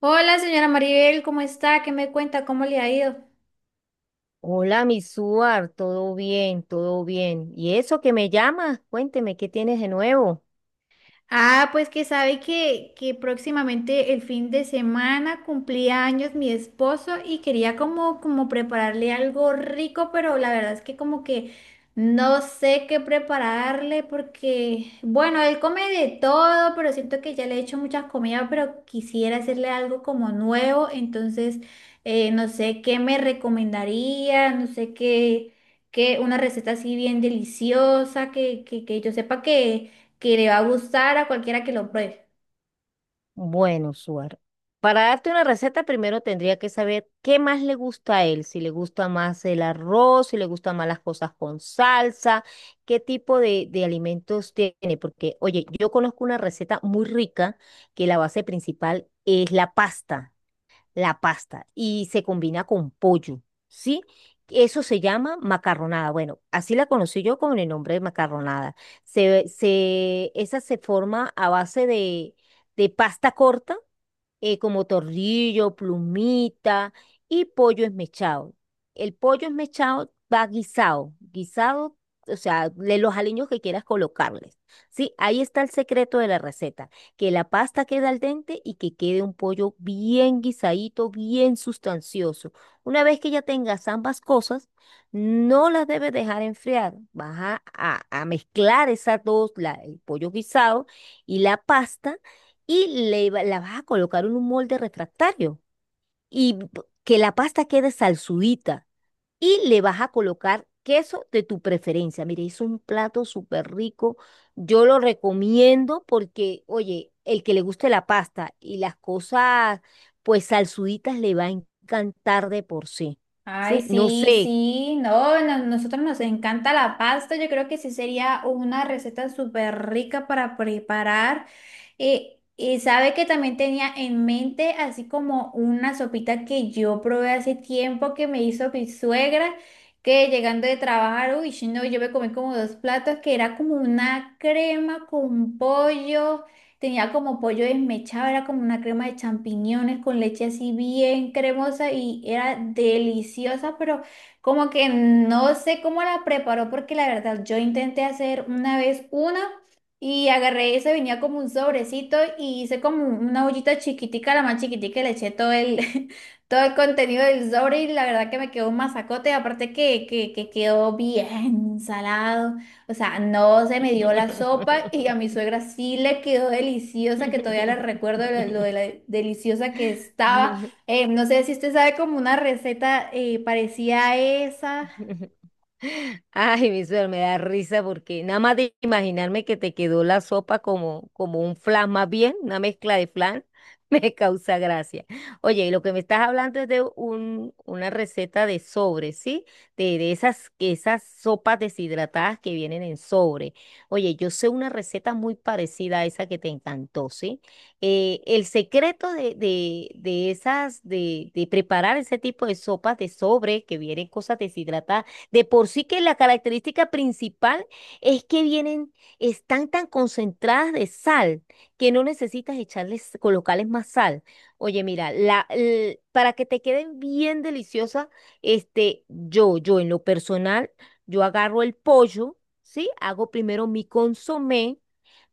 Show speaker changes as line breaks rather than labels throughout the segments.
Hola, señora Maribel, ¿cómo está? ¿Qué me cuenta? ¿Cómo le ha ido?
Hola, mi Suar, todo bien, todo bien. ¿Y eso que me llamas? Cuénteme, ¿qué tienes de nuevo?
Ah, pues que sabe que próximamente el fin de semana cumplía años mi esposo y quería como prepararle algo rico, pero la verdad es que como que no sé qué prepararle porque, bueno, él come de todo, pero siento que ya le he hecho muchas comidas, pero quisiera hacerle algo como nuevo, entonces no sé qué me recomendaría, no sé qué, una receta así bien deliciosa, que yo sepa que le va a gustar a cualquiera que lo pruebe.
Bueno, Suar, para darte una receta primero tendría que saber qué más le gusta a él, si le gusta más el arroz, si le gustan más las cosas con salsa, qué tipo de alimentos tiene, porque, oye, yo conozco una receta muy rica que la base principal es la pasta. La pasta y se combina con pollo, ¿sí? Eso se llama macarronada. Bueno, así la conocí yo con el nombre de macarronada. Esa se forma a base de pasta corta, como torrillo, plumita y pollo esmechado. El pollo esmechado va guisado, guisado, o sea, de los aliños que quieras colocarles. Sí, ahí está el secreto de la receta, que la pasta quede al dente y que quede un pollo bien guisadito, bien sustancioso. Una vez que ya tengas ambas cosas, no las debes dejar enfriar. Vas a mezclar esas dos, el pollo guisado y la pasta, y la vas a colocar en un molde refractario y que la pasta quede salsudita, y le vas a colocar queso de tu preferencia. Mire, es un plato súper rico. Yo lo recomiendo porque, oye, el que le guste la pasta y las cosas pues salsuditas le va a encantar de por sí.
Ay,
¿Sí? No
sí,
sé.
sí, no, nosotros nos encanta la pasta, yo creo que sí sería una receta súper rica para preparar. Y sabe que también tenía en mente así como una sopita que yo probé hace tiempo que me hizo mi suegra, que llegando de trabajar, uy, no, yo me comí como dos platos, que era como una crema con pollo. Tenía como pollo desmechado, era como una crema de champiñones con leche así bien cremosa y era deliciosa, pero como que no sé cómo la preparó porque la verdad yo intenté hacer una vez una y agarré eso, venía como un sobrecito y hice como una ollita chiquitica, la más chiquitica, y le eché todo el, todo el contenido del sobre y la verdad que me quedó un masacote, aparte que quedó bien salado. O sea, no se me dio la sopa y a mi suegra sí le quedó deliciosa, que todavía la recuerdo lo de la deliciosa que estaba. No sé si usted sabe como una receta parecida a esa.
Ay, mi suegro, me da risa porque nada más de imaginarme que te quedó la sopa como, como un flan más bien, una mezcla de flan, me causa gracia. Oye, y lo que me estás hablando es de un, una receta de sobre, ¿sí? De esas, que esas sopas deshidratadas que vienen en sobre. Oye, yo sé una receta muy parecida a esa que te encantó, ¿sí? El secreto de esas, de preparar ese tipo de sopas de sobre que vienen cosas deshidratadas de por sí, que la característica principal es que vienen, están tan concentradas de sal que no necesitas echarles, colocarles más sal. Oye, mira, para que te queden bien deliciosas, este, yo en lo personal, yo agarro el pollo, ¿sí? Hago primero mi consomé.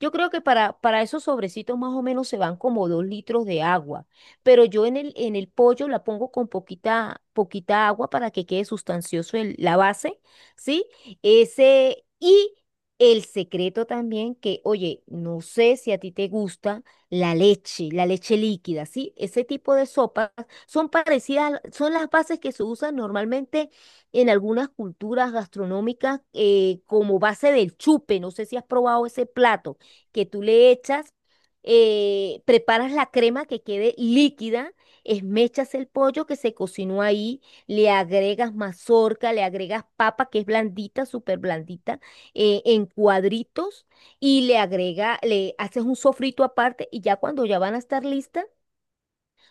Yo creo que para esos sobrecitos más o menos se van como 2 litros de agua, pero yo en el pollo la pongo con poquita, poquita agua para que quede sustancioso la base, ¿sí? Ese, y el secreto también que, oye, no sé si a ti te gusta la leche líquida, ¿sí? Ese tipo de sopas son parecidas, son las bases que se usan normalmente en algunas culturas gastronómicas, como base del chupe, no sé si has probado ese plato, que tú le echas, preparas la crema que quede líquida, esmechas el pollo que se cocinó ahí, le agregas mazorca, le agregas papa que es blandita, súper blandita, en cuadritos, y le agrega, le haces un sofrito aparte, y ya cuando ya van a estar listas,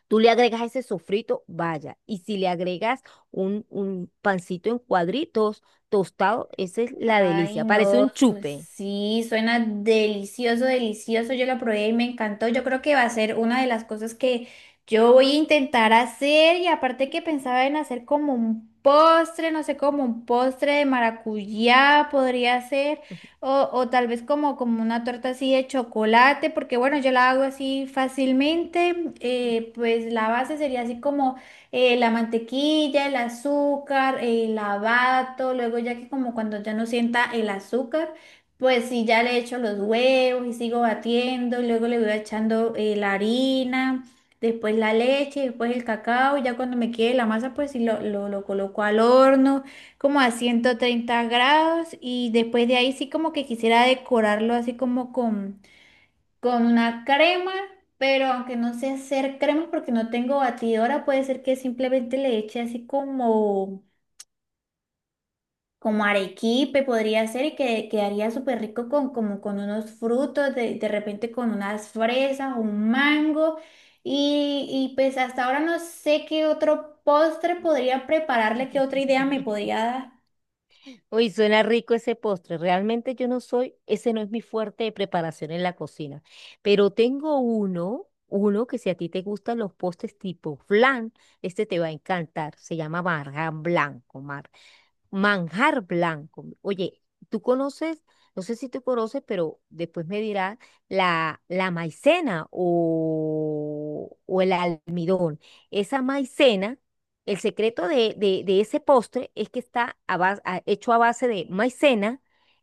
tú le agregas ese sofrito, vaya, y si le agregas un pancito en cuadritos tostado, esa es la
Ay,
delicia, parece
no,
un chupe.
sí, suena delicioso, delicioso. Yo la probé y me encantó. Yo creo que va a ser una de las cosas que yo voy a intentar hacer. Y aparte que pensaba en hacer como un postre, no sé, como un postre de maracuyá podría ser. O tal vez como una torta así de chocolate, porque bueno, yo la hago así fácilmente. Pues la base sería así como la mantequilla, el azúcar, el lavato, luego ya que como cuando ya no sienta el azúcar, pues sí, ya le echo los huevos y sigo batiendo, y luego le voy echando la harina, después la leche, después el cacao, y ya cuando me quede la masa, pues sí lo coloco al horno como a 130 grados y después de ahí sí como que quisiera decorarlo así como con una crema, pero aunque no sé hacer crema porque no tengo batidora, puede ser que simplemente le eche así como arequipe, podría ser, y que quedaría súper rico con, como con unos frutos, de repente con unas fresas, un mango, y pues hasta ahora no sé qué otro postre podría prepararle, qué otra idea me podría dar.
Uy, suena rico ese postre. Realmente yo no soy, ese no es mi fuerte de preparación en la cocina. Pero tengo uno, uno que si a ti te gustan los postres tipo flan, este te va a encantar. Se llama marjan blanco, Mar. Manjar blanco. Oye, tú conoces, no sé si tú conoces, pero después me dirás la maicena o el almidón. Esa maicena, el secreto de ese postre es que está hecho a base de maicena,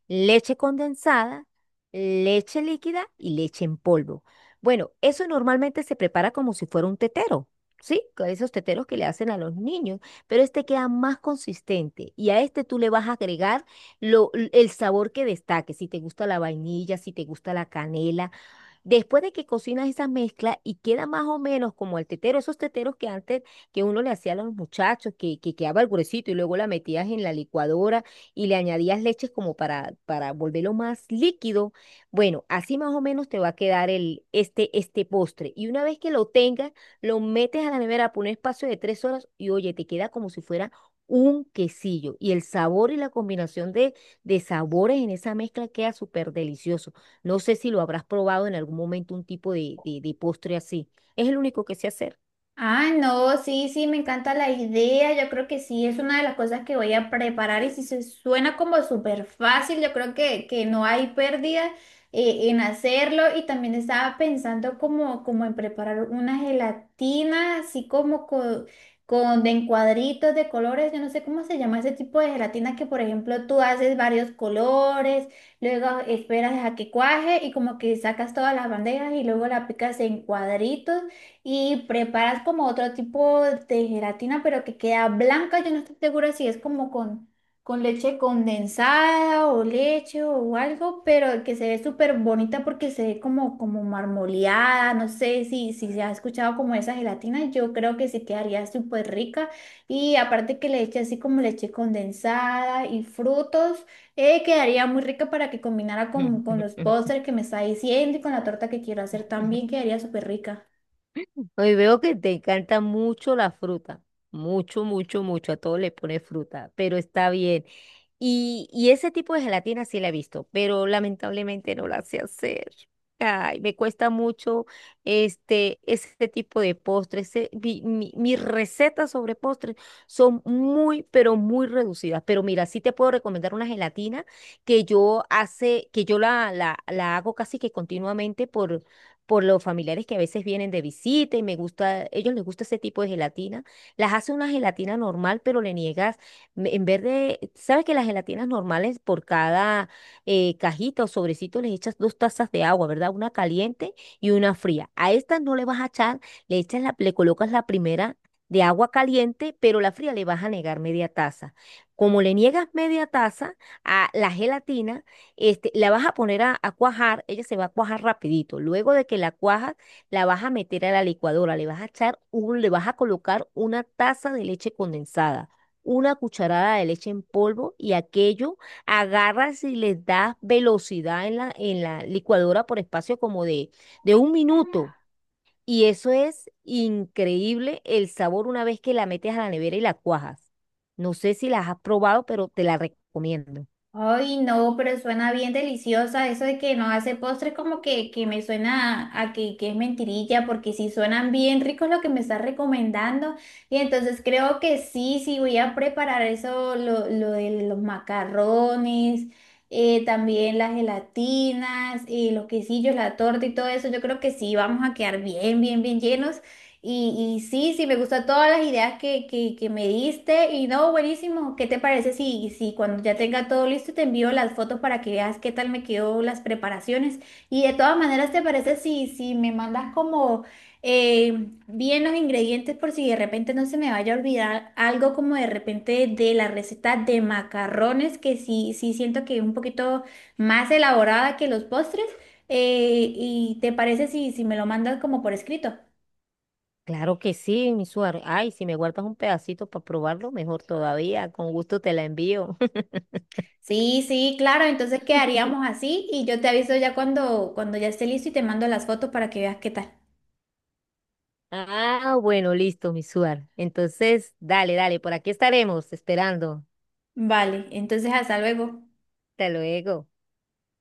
leche condensada, leche líquida y leche en polvo. Bueno, eso normalmente se prepara como si fuera un tetero, ¿sí? Con esos teteros que le hacen a los niños, pero este queda más consistente y a este tú le vas a agregar el sabor que destaque, si te gusta la vainilla, si te gusta la canela. Después de que cocinas esa mezcla y queda más o menos como el tetero, esos teteros que antes que uno le hacía a los muchachos, que quedaba el gruesito y luego la metías en la licuadora y le añadías leches como para volverlo más líquido. Bueno, así más o menos te va a quedar el, este postre. Y una vez que lo tengas, lo metes a la nevera por un espacio de 3 horas y oye, te queda como si fuera un quesillo. Y el sabor y la combinación de sabores en esa mezcla queda súper delicioso. No sé si lo habrás probado en algún momento un tipo de postre así. Es el único que sé hacer.
Ah, no, sí, sí, me encanta la idea. Yo creo que sí, es una de las cosas que voy a preparar y si se suena como súper fácil, yo creo que no hay pérdida en hacerlo. Y también estaba pensando como en preparar una gelatina, así con de en cuadritos de colores. Yo no sé cómo se llama ese tipo de gelatina que, por ejemplo, tú haces varios colores, luego esperas a que cuaje y como que sacas todas las bandejas y luego la picas en cuadritos y preparas como otro tipo de gelatina, pero que queda blanca. Yo no estoy segura si es con leche condensada o leche o algo, pero que se ve súper bonita porque se ve como, como marmoleada. No sé si, si se ha escuchado como esa gelatina. Yo creo que sí quedaría súper rica. Y aparte que le eche así como leche condensada y frutos, quedaría muy rica para que combinara con los postres que me está diciendo y con la torta que quiero hacer también quedaría súper rica.
Hoy veo que te encanta mucho la fruta, mucho, mucho, mucho, a todo le pones fruta, pero está bien. Y ese tipo de gelatina sí la he visto, pero lamentablemente no la sé hacer. Ay, me cuesta mucho este, ese tipo de postres. Mis recetas sobre postres son muy, pero muy reducidas. Pero mira, sí te puedo recomendar una gelatina que yo hace, que yo la hago casi que continuamente por los familiares que a veces vienen de visita y me gusta, ellos les gusta ese tipo de gelatina. Las hace una gelatina normal, pero le niegas, en vez de, sabes que las gelatinas normales por cada, cajita o sobrecito les echas 2 tazas de agua, ¿verdad? Una caliente y una fría. A estas no le vas a echar, le echas la, le colocas la primera de agua caliente, pero la fría le vas a negar media taza. Como le niegas media taza a la gelatina, este, la vas a poner a cuajar, ella se va a cuajar rapidito. Luego de que la cuajas, la vas a meter a la licuadora, le vas a echar un, le vas a colocar una taza de leche condensada, una cucharada de leche en polvo, y aquello agarras y le das velocidad en la licuadora por espacio como de un minuto. Y eso es increíble el sabor una vez que la metes a la nevera y la cuajas. No sé si las has probado, pero te la recomiendo.
Ay, no, pero suena bien deliciosa. Eso de que no hace postres como que me suena a que es mentirilla, porque si suenan bien ricos lo que me estás recomendando. Y entonces creo que sí, sí voy a preparar eso, lo de los macarrones, también las gelatinas, los quesillos, la torta y todo eso. Yo creo que sí, vamos a quedar bien, bien, bien llenos. Y sí, sí, me gustan todas las ideas que me diste. Y no, buenísimo. ¿Qué te parece si, si cuando ya tenga todo listo te envío las fotos para que veas qué tal me quedó las preparaciones? Y de todas maneras, ¿te parece si, si me mandas como bien los ingredientes por si de repente no se me vaya a olvidar algo como de repente de la receta de macarrones, que sí, sí siento que es un poquito más elaborada que los postres? ¿Y te parece si, si me lo mandas como por escrito?
Claro que sí, mi suar. Ay, si me guardas un pedacito para probarlo, mejor todavía. Con gusto te la envío.
Sí, sí, claro, entonces quedaríamos así y yo te aviso ya cuando, cuando ya esté listo y te mando las fotos para que veas qué tal.
Ah, bueno, listo, mi suar. Entonces, dale, dale, por aquí estaremos esperando.
Vale, entonces hasta luego.
Hasta luego.